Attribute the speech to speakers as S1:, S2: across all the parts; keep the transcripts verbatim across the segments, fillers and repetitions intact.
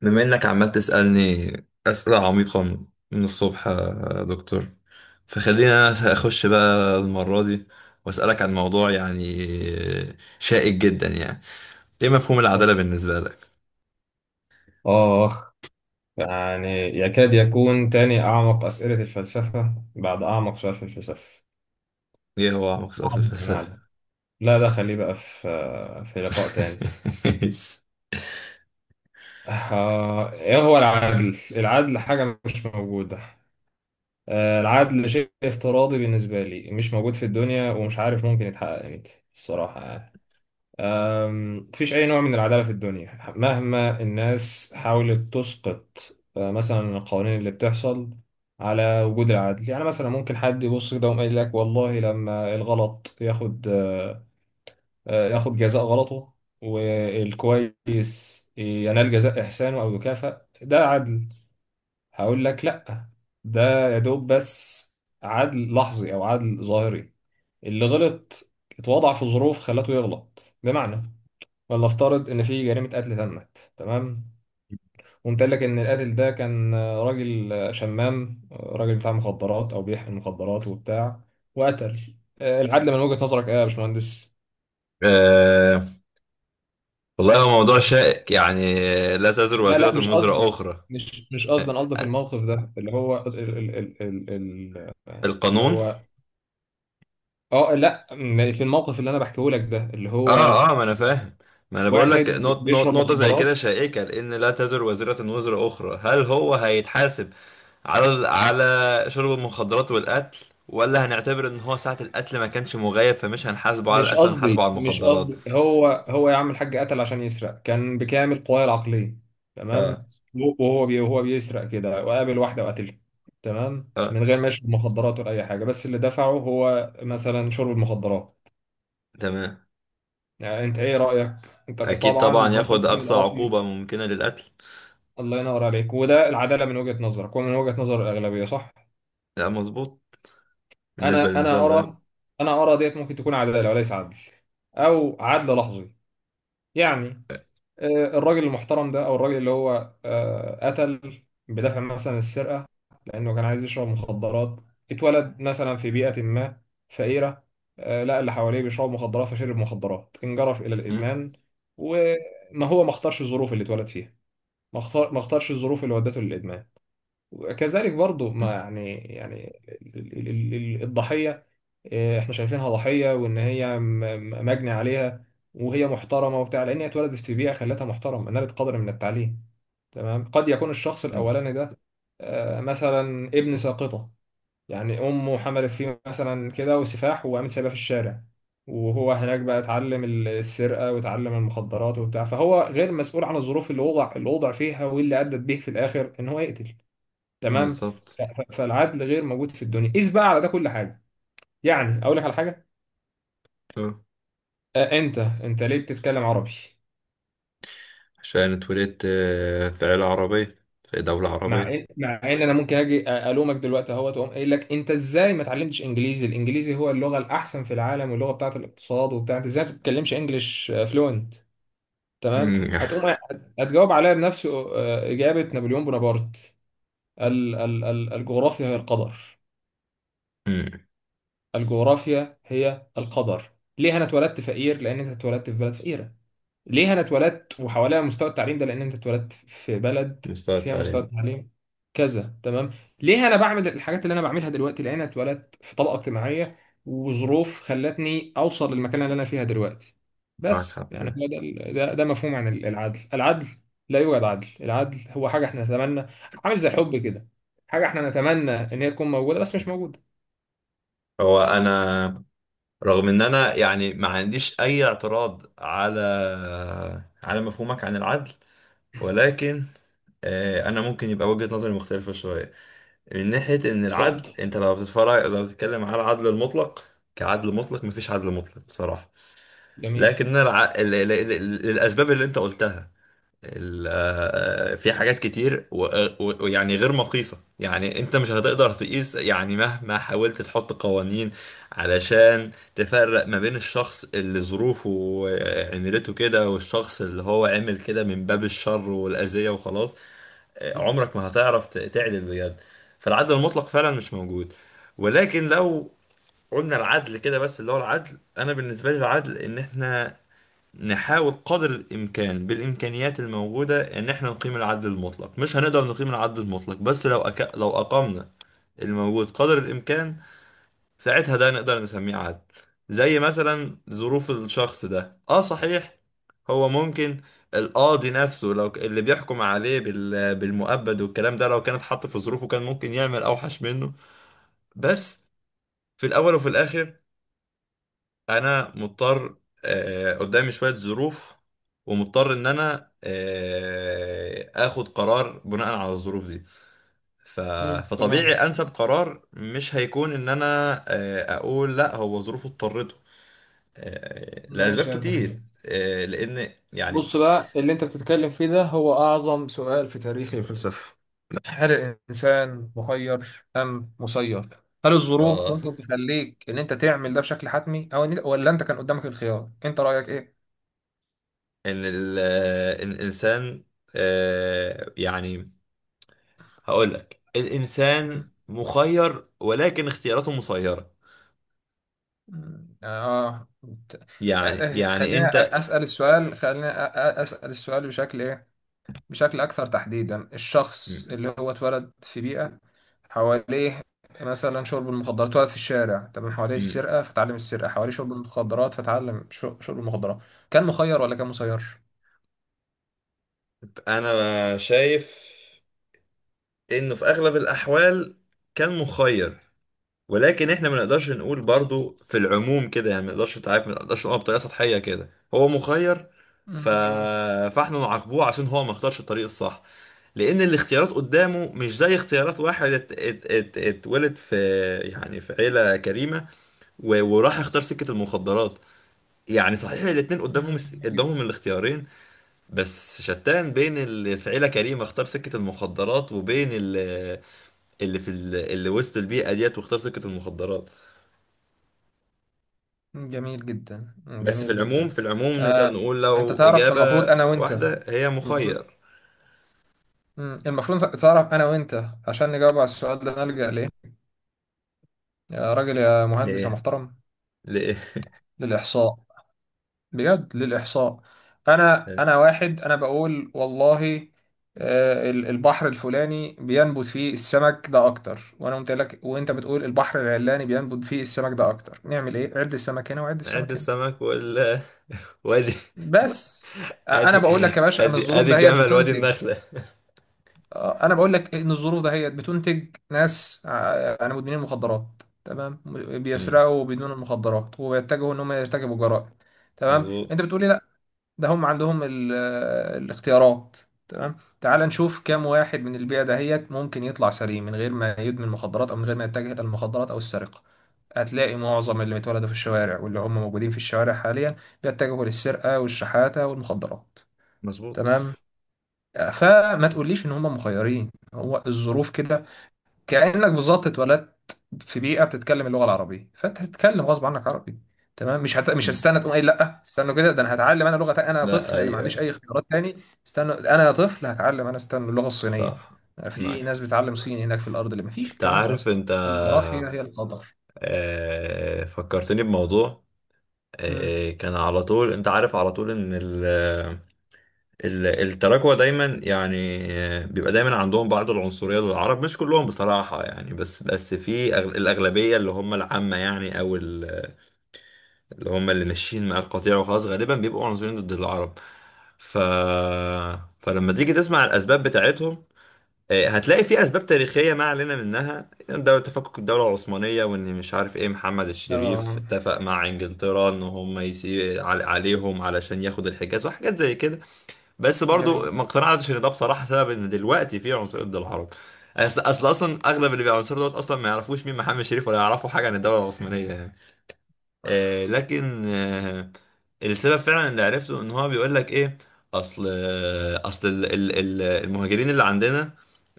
S1: بما انك عمال تسألني أسئلة عميقة من الصبح يا دكتور، فخلينا انا اخش بقى المرة دي واسألك عن موضوع يعني شائك جدا، يعني ايه مفهوم العدالة بالنسبة لك؟
S2: آه يعني يكاد يكون تاني أعمق أسئلة الفلسفة بعد أعمق سؤال في الفلسفة.
S1: ايه هو اعمق سؤال في
S2: نعم، ما علينا.
S1: الفلسفة؟
S2: لا، ده خليه بقى في في لقاء تاني. آه، إيه هو العدل؟ العدل حاجة مش موجودة. آه، العدل شيء افتراضي بالنسبة لي، مش موجود في الدنيا، ومش عارف ممكن يتحقق إمتى الصراحة، يعني مفيش أي نوع من العدالة في الدنيا مهما الناس حاولت تسقط. آه، مثلا القوانين اللي بتحصل على وجود العدل، يعني مثلا ممكن حد يبص كده ويقول لك والله لما الغلط ياخد آه، آه، ياخد جزاء غلطه، والكويس ينال جزاء إحسانه أو يكافأ، ده عدل. هقول لك لأ، ده يا دوب بس عدل لحظي أو عدل ظاهري. اللي غلط اتوضع في ظروف خلته يغلط، بمعنى فلنفترض ان في جريمه قتل تمت، تمام، وقمت قايل لك ان القاتل ده كان آه، راجل، آه، شمام، آه، راجل بتاع مخدرات او بيحمل مخدرات وبتاع، وقتل. آه، العدل من وجهه نظرك ايه يا باشمهندس؟
S1: آه، والله هو موضوع شائك يعني. لا تزر
S2: لا، لا، مش
S1: وازرة وزر
S2: قصدي.
S1: أخرى.
S2: مش مش قصدي،
S1: آه،
S2: انا قصدي في
S1: آه،
S2: الموقف ده اللي هو ال ال ال ال ال اللي
S1: القانون.
S2: هو، اه لا م- في الموقف اللي انا بحكيه لك ده، اللي هو
S1: اه اه، ما انا فاهم. ما انا بقول لك
S2: واحد
S1: نقط- نقط-
S2: بيشرب
S1: نقطة زي كده
S2: مخدرات.
S1: شائكة، لان لا تزر وازرة وزر اخرى. هل هو هيتحاسب على ال- على شرب المخدرات والقتل، ولا هنعتبر ان هو ساعة القتل ما كانش مغيب فمش هنحاسبه على
S2: مش
S1: القتل هنحاسبه
S2: قصدي
S1: على
S2: مش
S1: المخدرات؟
S2: قصدي هو هو يا عم الحاج، قتل عشان يسرق، كان بكامل قواه العقلية،
S1: اه
S2: تمام. وهو بي وهو بيسرق كده وقابل واحدة وقتلها، تمام،
S1: اه،
S2: من غير ما يشرب مخدرات ولا أي حاجة، بس اللي دفعه هو مثلا شرب المخدرات.
S1: تمام.
S2: يعني أنت إيه رأيك؟ أنت
S1: اكيد
S2: طبعا
S1: طبعا
S2: لو أنت
S1: ياخد
S2: مكان
S1: اقصى
S2: القاضي؟
S1: عقوبة ممكنة للقتل.
S2: الله ينور عليك، وده العدالة من وجهة نظرك ومن وجهة نظر الأغلبية، صح؟
S1: لا، مظبوط، بالنسبة
S2: أنا أنا
S1: للمثال ده.
S2: أرى أنا أرى ديت ممكن تكون عدالة وليس عدل، أو عدل لحظي. يعني آه، الراجل المحترم ده او الراجل اللي هو آه، قتل بدافع مثلا السرقه لانه كان عايز يشرب مخدرات، اتولد مثلا في بيئه ما فقيره، آه، لقى اللي حواليه بيشربوا مخدرات فشرب مخدرات، انجرف الى
S1: م-
S2: الادمان. وما هو ما اختارش الظروف اللي اتولد فيها، ما اختار ما اختارش الظروف اللي ودته للادمان. وكذلك برضو
S1: م-
S2: ما يعني، يعني ال- ال- ال- الضحيه، إيه، احنا شايفينها ضحية وان هي م- م- مجني عليها، وهي محترمة وبتاع لان هي اتولدت في بيئة خلتها محترمة، نالت قدر من التعليم، تمام. قد يكون الشخص
S1: م-
S2: الاولاني ده آه، مثلا ابن ساقطة، يعني امه حملت فيه مثلا كده وسفاح، وقامت سايباه في الشارع، وهو هناك بقى اتعلم ال- السرقة واتعلم المخدرات وبتاع، فهو غير مسؤول عن الظروف اللي وضع اللي وضع فيها واللي أدت به في الآخر إن هو يقتل، تمام.
S1: بالظبط.
S2: ف- ف- فالعدل غير موجود في الدنيا، قيس بقى على ده كل حاجة. يعني أقول لك على حاجة.
S1: آه.
S2: آه، انت انت ليه بتتكلم عربي؟
S1: عشان اتولدت آه، في عيلة عربية في دولة
S2: مع ان
S1: عربية.
S2: مع ان انا ممكن اجي أ- الومك دلوقتي، اهو تقوم قايل لك انت ازاي ما اتعلمتش انجليزي؟ الانجليزي هو اللغه الاحسن في العالم، واللغه بتاعه الاقتصاد وبتاع، انت ازاي ما بتتكلمش انجليش فلوينت؟ تمام.
S1: مم.
S2: هتقوم هت- هتجاوب عليا بنفس آه، اجابه نابليون بونابرت. ال ال ال الجغرافيا هي القدر.
S1: امم.
S2: الجغرافيا هي القدر. ليه انا اتولدت فقير؟ لان انت اتولدت في بلد فقيره. ليه انا اتولدت وحواليها مستوى التعليم ده؟ لان انت اتولدت في بلد
S1: مستوى
S2: فيها مستوى
S1: التعليم.
S2: التعليم كذا، تمام. ليه انا بعمل الحاجات اللي انا بعملها دلوقتي؟ لان انا اتولدت في طبقه اجتماعيه وظروف خلتني اوصل للمكان اللي انا فيها دلوقتي.
S1: معاك
S2: بس
S1: حق في
S2: يعني
S1: ده.
S2: هو ده ده, ده مفهوم عن العدل. العدل لا يوجد، عدل العدل هو حاجه احنا نتمنى، عامل زي الحب كده، حاجه احنا نتمنى ان هي تكون موجوده بس مش موجوده.
S1: هو انا، رغم ان انا يعني ما عنديش اي اعتراض على على مفهومك عن العدل، ولكن آه، انا ممكن يبقى وجهة نظري مختلفة شوية، من ناحية ان العدل،
S2: اتفضل.
S1: انت لو بتتفرج لو بتتكلم على العدل المطلق، كعدل مطلق، مفيش عدل مطلق بصراحة.
S2: جميل.
S1: لكن أنا الع... ال... ال... ال... الاسباب اللي انت قلتها، ال- آه، في حاجات كتير و- و- ويعني غير مقيسة، يعني انت مش هتقدر تقيس يعني مهما حاولت تحط قوانين علشان تفرق ما بين الشخص اللي ظروفه آه، عملته كده، والشخص اللي هو عمل كده من باب الشر والأذية وخلاص. آه، عمرك ما هتعرف ت- تعدل بجد. فالعدل المطلق فعلا مش موجود. ولكن لو قلنا العدل كده بس، اللي هو العدل، انا بالنسبه لي العدل ان احنا نحاول قدر الإمكان بالإمكانيات الموجودة إن إحنا نقيم العدل المطلق، مش هنقدر نقيم العدل المطلق، بس لو أك... لو أقمنا الموجود قدر الإمكان، ساعتها ده نقدر نسميه عدل. زي مثلا ظروف الشخص ده، آه صحيح، هو ممكن القاضي نفسه، لو ك- اللي بيحكم عليه بال... بالمؤبد والكلام ده، لو كان اتحط في ظروفه كان ممكن يعمل أوحش منه. بس في الأول وفي الآخر انا مضطر، آه، قدامي شوية ظروف، ومضطر ان انا آه، اخد قرار بناء على الظروف دي. ف...
S2: مم.
S1: فطبيعي
S2: تمام.
S1: انسب قرار مش هيكون ان انا آه، اقول لا، هو ظروفه اضطرته، آه، لاسباب
S2: ماشي يا ابني.
S1: كتير، آه، لان يعني.
S2: بص بقى، اللي انت بتتكلم فيه ده هو اعظم سؤال في تاريخ الفلسفه. هل الانسان مخير ام مسير؟ هل الظروف
S1: اه
S2: ممكن تخليك ان انت تعمل ده بشكل حتمي، او إن- ولا انت كان قدامك الخيار؟ انت رايك ايه؟
S1: ان ال... آه، إن الانسان، آه، يعني هقول لك، الانسان
S2: مم.
S1: مخير ولكن اختياراته مسيرة.
S2: مم. اه. ت-
S1: يعني
S2: آه، آه،
S1: يعني
S2: خلينا أ-
S1: انت.
S2: اسال السؤال خلينا أ- أ- اسال السؤال بشكل ايه، بشكل أكثر تحديدا. الشخص اللي هو اتولد في بيئة حواليه مثلا شرب المخدرات، اتولد في الشارع، تمام، حواليه
S1: مم.
S2: السرقة فتعلم السرقة، حواليه شرب المخدرات فتعلم شو- شرب المخدرات، كان مخير ولا كان مسير؟
S1: انا شايف انه في اغلب الاحوال كان مخير، ولكن احنا ما نقدرش نقول
S2: جميل.
S1: برضو في العموم كده، يعني ما نقدرش تعرف ما نقدرش نقول بطريقه سطحيه كده هو مخير.
S2: مم،
S1: ف...
S2: جميل.
S1: فاحنا نعاقبوه عشان هو ما اختارش الطريق الصح، لان الاختيارات قدامه مش زي اختيارات واحد ات... ات... ات... اتولد في، يعني، في عيله كريمه و... وراح اختار سكه المخدرات. يعني صحيح الاتنين قدامهم
S2: مم، جميل جدا.
S1: قدامهم الاختيارين، بس شتان بين اللي في عيلة كريمة اختار سكة المخدرات وبين اللي, اللي في ال- اللي وسط البيئة ديت واختار سكة المخدرات.
S2: مم، جميل جدا. مم،
S1: بس في
S2: جميل جدا.
S1: العموم في العموم نقدر
S2: آه،
S1: نقول،
S2: انت
S1: لو
S2: تعرف،
S1: إجابة
S2: المفروض انا وانت،
S1: واحدة، هي
S2: المفروض،
S1: مخير.
S2: مم، المفروض تعرف انا وانت، عشان نجاوب على السؤال ده، نلجأ ليه يا راجل يا مهندس يا
S1: ليه؟
S2: محترم؟
S1: ليه؟
S2: للإحصاء. بجد للإحصاء. أنا أنا واحد أنا بقول والله آه، ال- البحر الفلاني بينبت فيه السمك ده أكتر، وأنا قلت لك، وأنت بتقول البحر العلاني بينبت فيه السمك ده أكتر. نعمل إيه؟ عد السمك هنا وعد
S1: عد
S2: السمك هنا،
S1: السمك ولا وادي،
S2: بس. آه، أنا
S1: ادي
S2: بقول لك يا باشا إن
S1: ادي
S2: الظروف
S1: ادي
S2: ده هي
S1: الجمل وادي
S2: بتنتج.
S1: النخلة.
S2: آه، أنا بقول لك إن الظروف ده هي بتنتج ناس آه، أنا مدمنين مخدرات، تمام،
S1: مم.
S2: بيسرقوا بدون المخدرات وبيتجهوا إن هم يرتكبوا جرائم، تمام.
S1: مظبوط.
S2: أنت بتقولي لا، ده هم عندهم ال- آه، الاختيارات. تمام، تعال نشوف كام واحد من البيئة دهيت ممكن يطلع سليم من غير ما يدمن مخدرات او من غير ما يتجه الى المخدرات او السرقة. هتلاقي معظم اللي بيتولدوا في الشوارع واللي هم موجودين في الشوارع حاليا بيتجهوا للسرقة والشحاتة والمخدرات،
S1: مظبوط.
S2: تمام. آه، فما تقوليش ان هم مخيرين، هو الظروف كده. كأنك بالظبط اتولدت في بيئة بتتكلم اللغة العربية، فانت هتتكلم غصب عنك عربي، تمام. مش هت... مش
S1: مم.
S2: هتستنى تقوم قايل لا، استنوا كده، ده انا هتعلم انا لغة تانية، انا يا
S1: لا،
S2: طفل اللي ما
S1: ايوه،
S2: عنديش
S1: أيوة.
S2: اي اختيارات تاني. استنوا، انا يا طفل هتعلم انا، استنى اللغة الصينية.
S1: صح. معك
S2: في ناس
S1: حق.
S2: بتعلم صيني هناك في الارض، اللي ما فيش
S1: انت
S2: الكلام ده يا
S1: عارف
S2: اسطى.
S1: انت
S2: الجغرافيا هي القدر.
S1: آه، فكرتني بموضوع،
S2: امم.
S1: آه، كان على طول، انت عارف على طول ان ال ال- التراكوة دايما يعني آه، بيبقى دايما عندهم بعض العنصرية للعرب، مش كلهم بصراحة يعني، بس بس في أغ- الأغلبية اللي هم العامة، يعني، أو ال- اللي هم اللي ماشيين مع القطيع وخلاص غالبا بيبقوا عنصريين ضد العرب. ف فلما تيجي تسمع الأسباب بتاعتهم، آه، هتلاقي في اسباب تاريخيه ما علينا منها، دوله تفكك الدوله العثمانيه وان مش عارف ايه محمد الشريف
S2: اه.
S1: اتفق مع انجلترا ان هم يسي عل- عليهم علشان ياخد الحجاز وحاجات زي كده، بس
S2: جميل،
S1: برضو ما اقتنعتش ان ده بصراحه سبب ان دلوقتي في عنصريه ضد العرب. اصل اصل اصلا اغلب اللي بيعنصروا دوت اصلا ما يعرفوش مين محمد الشريف، ولا يعرفوا حاجه عن الدوله العثمانيه يعني. آه لكن، آه السبب فعلا اللي عرفته ان هو بيقول لك ايه: اصل آه اصل ال ال ال المهاجرين اللي عندنا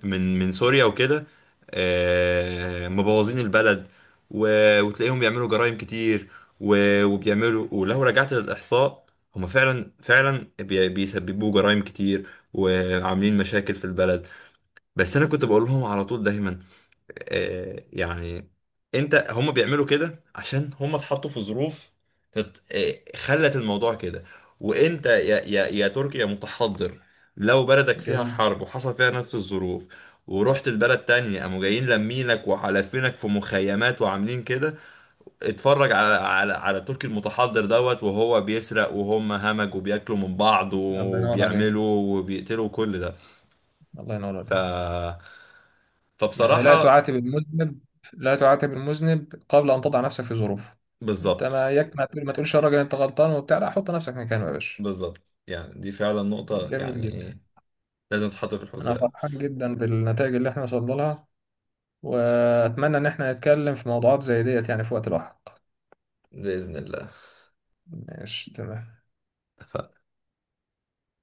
S1: من من سوريا وكده، آه مبوظين البلد، و- وتلاقيهم بيعملوا جرائم كتير، و- وبيعملوا ولو رجعت للاحصاء هما فعلا فعلا بي- بيسببوا جرائم كتير وعاملين مشاكل في البلد. بس انا كنت بقول لهم على طول دايما، آه، يعني، انت، هم بيعملوا كده عشان هم اتحطوا في ظروف تت- آه، خلت الموضوع كده. وانت يا يا يا تركي، يا متحضر، لو بلدك فيها
S2: جميل.
S1: حرب وحصل فيها نفس الظروف ورحت البلد تانية قاموا جايين لمينك وحالفينك في مخيمات وعاملين كده، اتفرج على على على تركي المتحضر دوت وهو بيسرق، وهم همج وبياكلوا من بعض
S2: الله ينور عليك.
S1: وبيعملوا وبيقتلوا كل ده.
S2: الله ينور عليك.
S1: ف
S2: يعني لا
S1: فبصراحة
S2: تعاتب المذنب. لا تعاتب المذنب قبل أن تضع نفسك في ظروفه. أنت
S1: بالظبط.
S2: ما يك ما تقول ما تقولش يا راجل أنت غلطان وبتاع، لا، حط نفسك مكانه يا باشا.
S1: بالظبط، يعني دي فعلا نقطة
S2: جميل جدا.
S1: يعني لازم تتحط في
S2: أنا
S1: الحسبان.
S2: فرحان جدا بالنتائج اللي إحنا وصلنا لها، وأتمنى إن إحنا نتكلم في موضوعات زي ديت يعني في وقت لاحق.
S1: بإذن الله.
S2: ماشي، تمام.